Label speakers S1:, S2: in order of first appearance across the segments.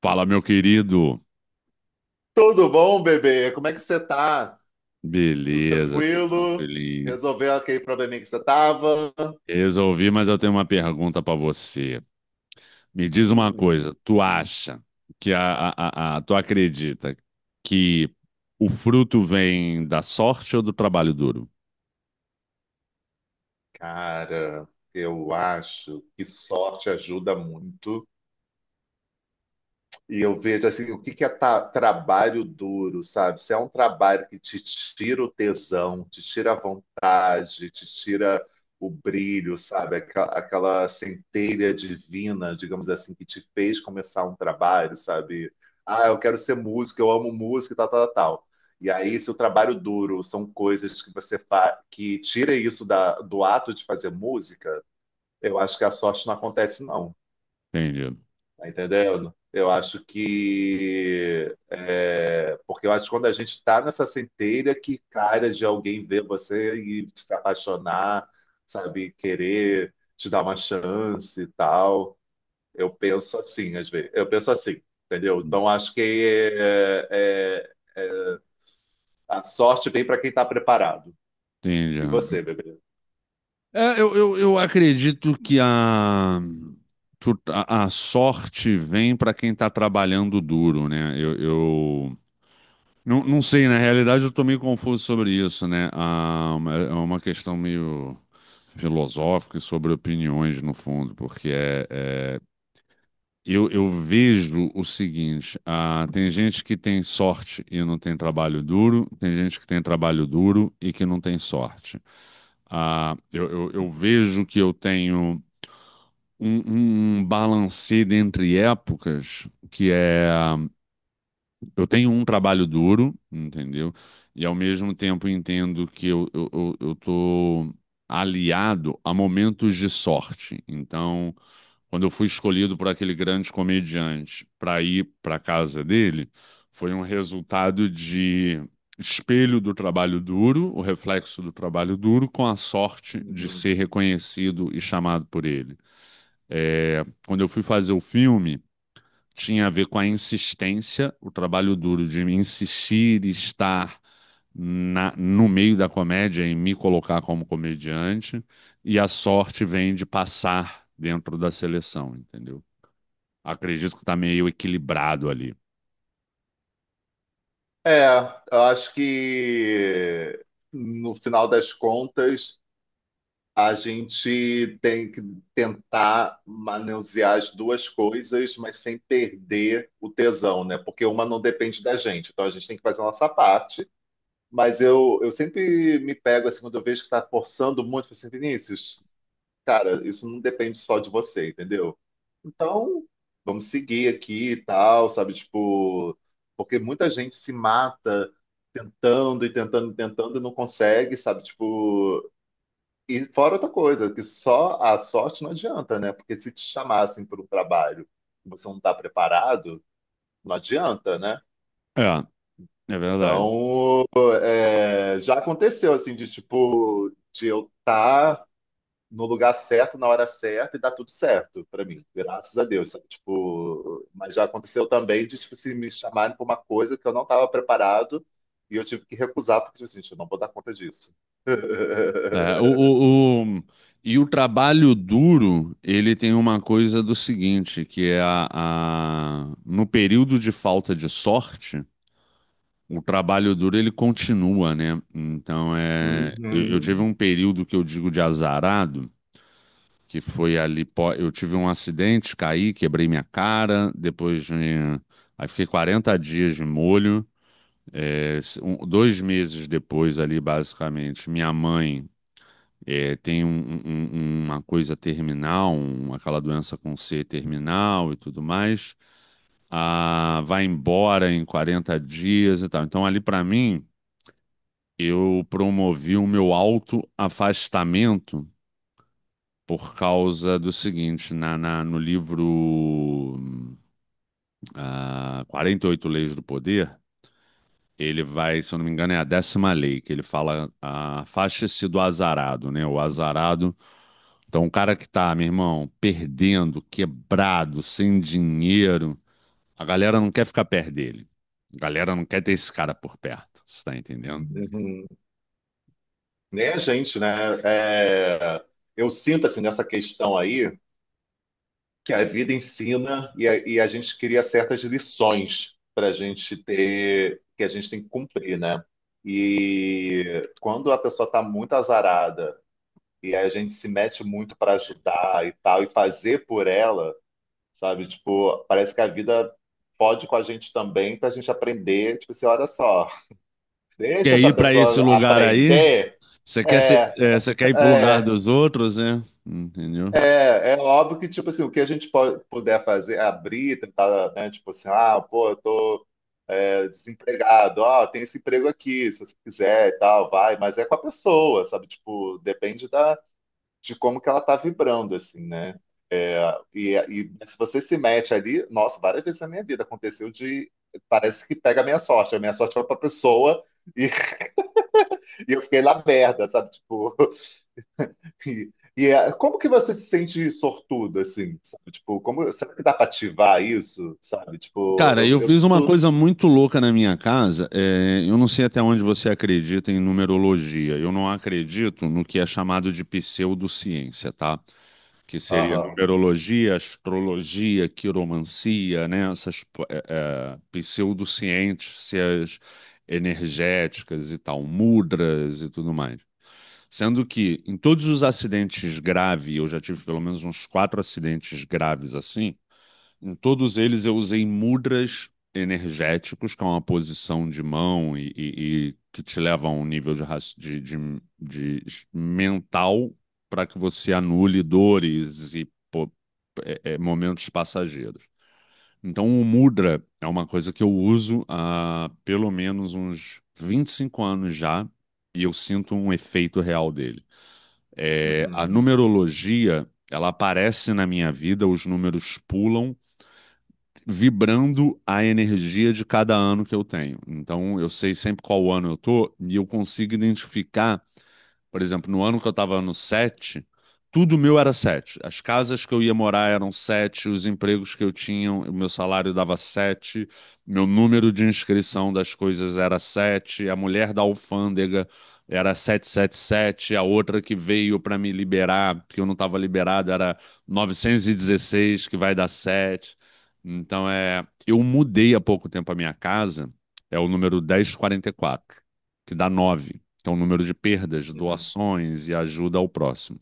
S1: Fala, meu querido.
S2: Tudo bom, bebê? Como é que você tá? Tudo
S1: Beleza, tudo
S2: tranquilo?
S1: tranquilinho.
S2: Resolveu aquele probleminha que você tava?
S1: Resolvi, mas eu tenho uma pergunta pra você. Me diz uma
S2: Hum,
S1: coisa, tu acha que tu acredita que o fruto vem da sorte ou do trabalho duro?
S2: Cara, eu acho que sorte ajuda muito. E eu vejo assim, o que que é trabalho duro, sabe? Se é um trabalho que te tira o tesão, te tira a vontade, te tira o brilho, sabe? Aquela centelha divina, digamos assim, que te fez começar um trabalho, sabe? Ah, eu quero ser músico, eu amo música, e tal, tal, tal. E aí, se o trabalho duro são coisas que você faz, que tira isso da, do ato de fazer música, eu acho que a sorte não acontece, não.
S1: Entendi.
S2: Tá entendendo? Eu acho que. É, Porque eu acho que quando a gente está nessa centelha, que cara de alguém ver você e se apaixonar, sabe? Querer te dar uma chance e tal. Eu penso assim, às vezes. Eu penso assim, entendeu? Então acho que é, a sorte vem para quem está preparado. E
S1: Entendi.
S2: você, bebê?
S1: É, eu acredito que a sorte vem para quem está trabalhando duro, né? Não, não sei, na realidade eu estou meio confuso sobre isso, né? Ah, é uma questão meio filosófica e sobre opiniões, no fundo, porque eu vejo o seguinte: ah, tem gente que tem sorte e não tem trabalho duro, tem gente que tem trabalho duro e que não tem sorte. Ah, eu vejo que eu tenho um balancê entre épocas que é. Eu tenho um trabalho duro, entendeu? E ao mesmo tempo entendo que eu tô aliado a momentos de sorte. Então, quando eu fui escolhido por aquele grande comediante para ir para casa dele, foi um resultado de espelho do trabalho duro, o reflexo do trabalho duro, com a sorte de
S2: Uhum.
S1: ser reconhecido e chamado por ele. É, quando eu fui fazer o filme tinha a ver com a insistência, o trabalho duro de insistir e estar no meio da comédia, em me colocar como comediante, e a sorte vem de passar dentro da seleção, entendeu? Acredito que tá meio equilibrado ali.
S2: É, eu acho que no final das contas, a gente tem que tentar manusear as duas coisas, mas sem perder o tesão, né? Porque uma não depende da gente, então a gente tem que fazer a nossa parte. Mas eu sempre me pego, assim, quando eu vejo que tá forçando muito, eu falo assim, Vinícius, cara, isso não depende só de você, entendeu? Então, vamos seguir aqui e tal, sabe? Tipo, porque muita gente se mata tentando e tentando e tentando e não consegue, sabe? Tipo. E fora outra coisa, que só a sorte não adianta, né? Porque se te chamassem para um trabalho e você não está preparado, não adianta, né?
S1: É, é verdade.
S2: Então, é, já aconteceu assim de tipo de eu estar no lugar certo na hora certa e dar tudo certo para mim, graças a Deus, sabe? Tipo, mas já aconteceu também de tipo se me chamarem para uma coisa que eu não estava preparado e eu tive que recusar porque tipo, assim, gente, eu não vou dar conta disso.
S1: É, e o trabalho duro, ele tem uma coisa do seguinte, que é no período de falta de sorte, o trabalho duro ele continua, né? Então é, eu
S2: Uhum,
S1: tive um período que eu digo de azarado, que foi ali, eu tive um acidente, caí, quebrei minha cara, aí fiquei 40 dias de molho, 2 meses depois ali, basicamente, minha mãe tem uma coisa terminal, aquela doença com C terminal e tudo mais, ah, vai embora em 40 dias e tal. Então ali para mim eu promovi o meu autoafastamento por causa do seguinte, no livro ah, 48 Leis do Poder, ele vai, se eu não me engano, é a décima lei, que ele fala, ah, afaste-se do azarado, né? O azarado, então o cara que tá, meu irmão, perdendo, quebrado, sem dinheiro, a galera não quer ficar perto dele. A galera não quer ter esse cara por perto, você tá entendendo?
S2: uhum. Né, gente, né? É, eu sinto assim nessa questão aí que a vida ensina e a gente cria certas lições para a gente ter, que a gente tem que cumprir, né? E quando a pessoa está muito azarada e a gente se mete muito para ajudar e tal e fazer por ela, sabe? Tipo, parece que a vida pode com a gente também para a gente aprender. Tipo assim, olha só, deixa
S1: Quer
S2: essa
S1: ir pra esse
S2: pessoa
S1: lugar aí?
S2: aprender.
S1: Você quer ser,
S2: É,
S1: é, você quer ir pro lugar
S2: é,
S1: dos outros, né? Entendeu?
S2: É, é óbvio que, tipo assim, o que a gente pode, puder fazer, abrir, tentar, né, tipo assim, ah, pô, eu tô é, desempregado, ó, tem esse emprego aqui, se você quiser e tal, vai, mas é com a pessoa, sabe, tipo, depende da, de como que ela tá vibrando, assim, né, É, e se você se mete ali, nossa, várias vezes na minha vida aconteceu de, parece que pega a minha sorte foi pra pessoa e, e eu fiquei lá merda, sabe, tipo, E, e como que você se sente sortudo, assim, sabe? Tipo, como, será que dá para ativar isso, sabe? Tipo,
S1: Cara,
S2: eu,
S1: eu
S2: eu
S1: fiz uma
S2: tô...
S1: coisa muito louca na minha casa. É, eu não sei até onde você acredita em numerologia. Eu não acredito no que é chamado de pseudociência, tá? Que seria
S2: Aham,
S1: numerologia, astrologia, quiromancia, né? Essas é, pseudociências energéticas e tal, mudras e tudo mais. Sendo que em todos os acidentes graves, eu já tive pelo menos uns quatro acidentes graves assim, em todos eles eu usei mudras energéticos, que é uma posição de mão e que te leva a um nível de, mental para que você anule dores e pô, momentos passageiros. Então, o mudra é uma coisa que eu uso há pelo menos uns 25 anos já, e eu sinto um efeito real dele. É, a
S2: uhum,
S1: numerologia, ela aparece na minha vida, os números pulam, vibrando a energia de cada ano que eu tenho. Então, eu sei sempre qual ano eu tô e eu consigo identificar, por exemplo, no ano que eu estava no 7, tudo meu era 7. As casas que eu ia morar eram 7, os empregos que eu tinha, o meu salário dava 7, meu número de inscrição das coisas era 7, a mulher da alfândega era 777, a outra que veio para me liberar, porque eu não estava liberado, era 916 que vai dar 7. Então é, eu mudei há pouco tempo a minha casa, é o número 1044 que dá nove, que é o número de perdas,
S2: uhum.
S1: doações e ajuda ao próximo.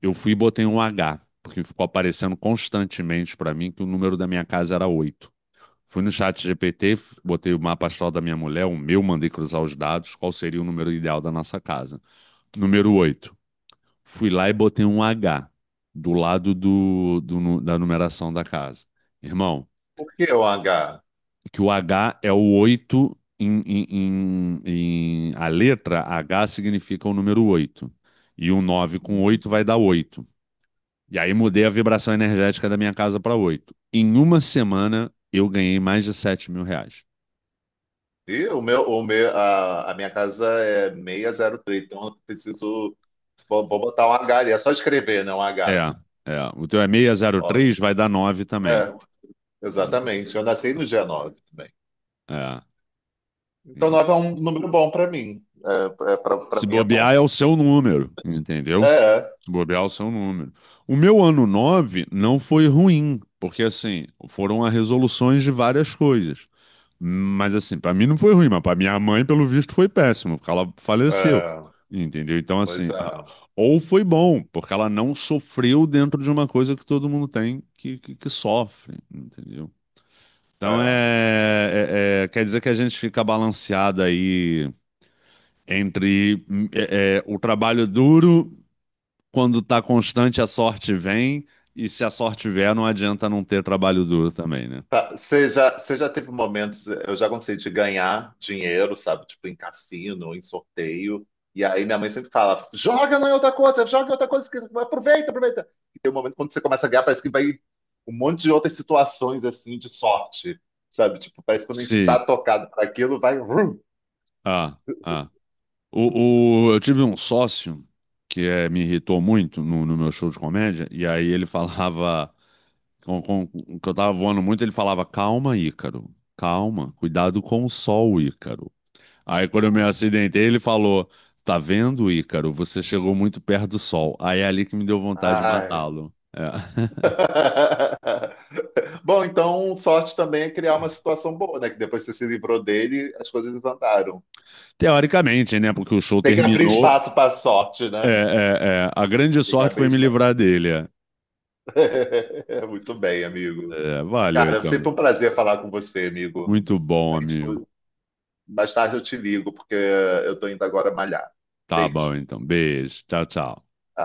S1: Eu fui e botei um H, porque ficou aparecendo constantemente para mim que o número da minha casa era 8. Fui no chat GPT, botei o mapa astral da minha mulher, o meu, mandei cruzar os dados, qual seria o número ideal da nossa casa. Número 8. Fui lá e botei um H do lado do, do da numeração da casa. Irmão,
S2: Por que o H?
S1: que o H é o 8 a letra H significa o número oito. E o 9 com
S2: Hum.
S1: 8 vai dar oito. E aí mudei a vibração energética da minha casa para oito. Em uma semana eu ganhei mais de R$ 7.000.
S2: E a minha casa é 603, então eu preciso... Vou botar um H ali, é só escrever, né? Um
S1: É,
S2: H.
S1: é. O teu é seis zero
S2: Ótimo.
S1: três vai dar 9 também.
S2: É, exatamente. Eu nasci no dia 9 também.
S1: É.
S2: Então
S1: E
S2: 9 é um número bom para mim. É, é, para
S1: se
S2: mim é bom.
S1: bobear é o seu número, entendeu?
S2: É,
S1: Se bobear é o seu número. O meu ano 9 não foi ruim, porque assim, foram as resoluções de várias coisas. Mas assim, pra mim não foi ruim, mas pra minha mãe, pelo visto, foi péssimo, porque ela faleceu.
S2: é.
S1: Entendeu? Então,
S2: Pois
S1: assim,
S2: é.
S1: ou foi bom, porque ela não sofreu dentro de uma coisa que todo mundo tem que, que sofre, entendeu? Então, é,
S2: É.
S1: é- é- quer dizer que a gente fica balanceado aí entre o trabalho duro, quando tá constante, a sorte vem, e se a sorte vier, não adianta não ter trabalho duro também, né?
S2: Tá, você já, você já teve momentos, eu já gostei de ganhar dinheiro, sabe? Tipo, em cassino, em sorteio. E aí minha mãe sempre fala: joga não é outra coisa, joga em outra coisa, que- aproveita, aproveita. E tem um momento quando você começa a ganhar, parece que vai um monte de outras situações assim de sorte, sabe? Tipo, parece que quando a gente está
S1: Sim.
S2: tocado para aquilo, vai. Vrum.
S1: Ah, ah. Eu tive um sócio que me irritou muito no meu show de comédia, e aí ele falava, que eu tava voando muito, ele falava, calma, Ícaro, calma, cuidado com o sol, Ícaro. Aí quando eu me acidentei, ele falou, tá vendo, Ícaro, você chegou muito perto do sol. Aí é ali que me deu vontade de
S2: Ai.
S1: matá-lo. É.
S2: Bom, então sorte também é criar uma situação boa, né? Que depois você se livrou dele, as coisas andaram.
S1: Teoricamente, né, porque o show
S2: Tem que abrir
S1: terminou,
S2: espaço para sorte, né?
S1: é, a grande
S2: Fica
S1: sorte
S2: bem
S1: foi me
S2: esperto.
S1: livrar dele. É,
S2: Muito bem, amigo.
S1: é, valeu,
S2: Cara, é sempre
S1: então.
S2: um prazer falar com você, amigo.
S1: Muito bom,
S2: A gente,
S1: amigo.
S2: mais tarde eu te ligo, porque eu tô indo agora malhar.
S1: Tá
S2: Beijo.
S1: bom, então. Beijo. Tchau, tchau.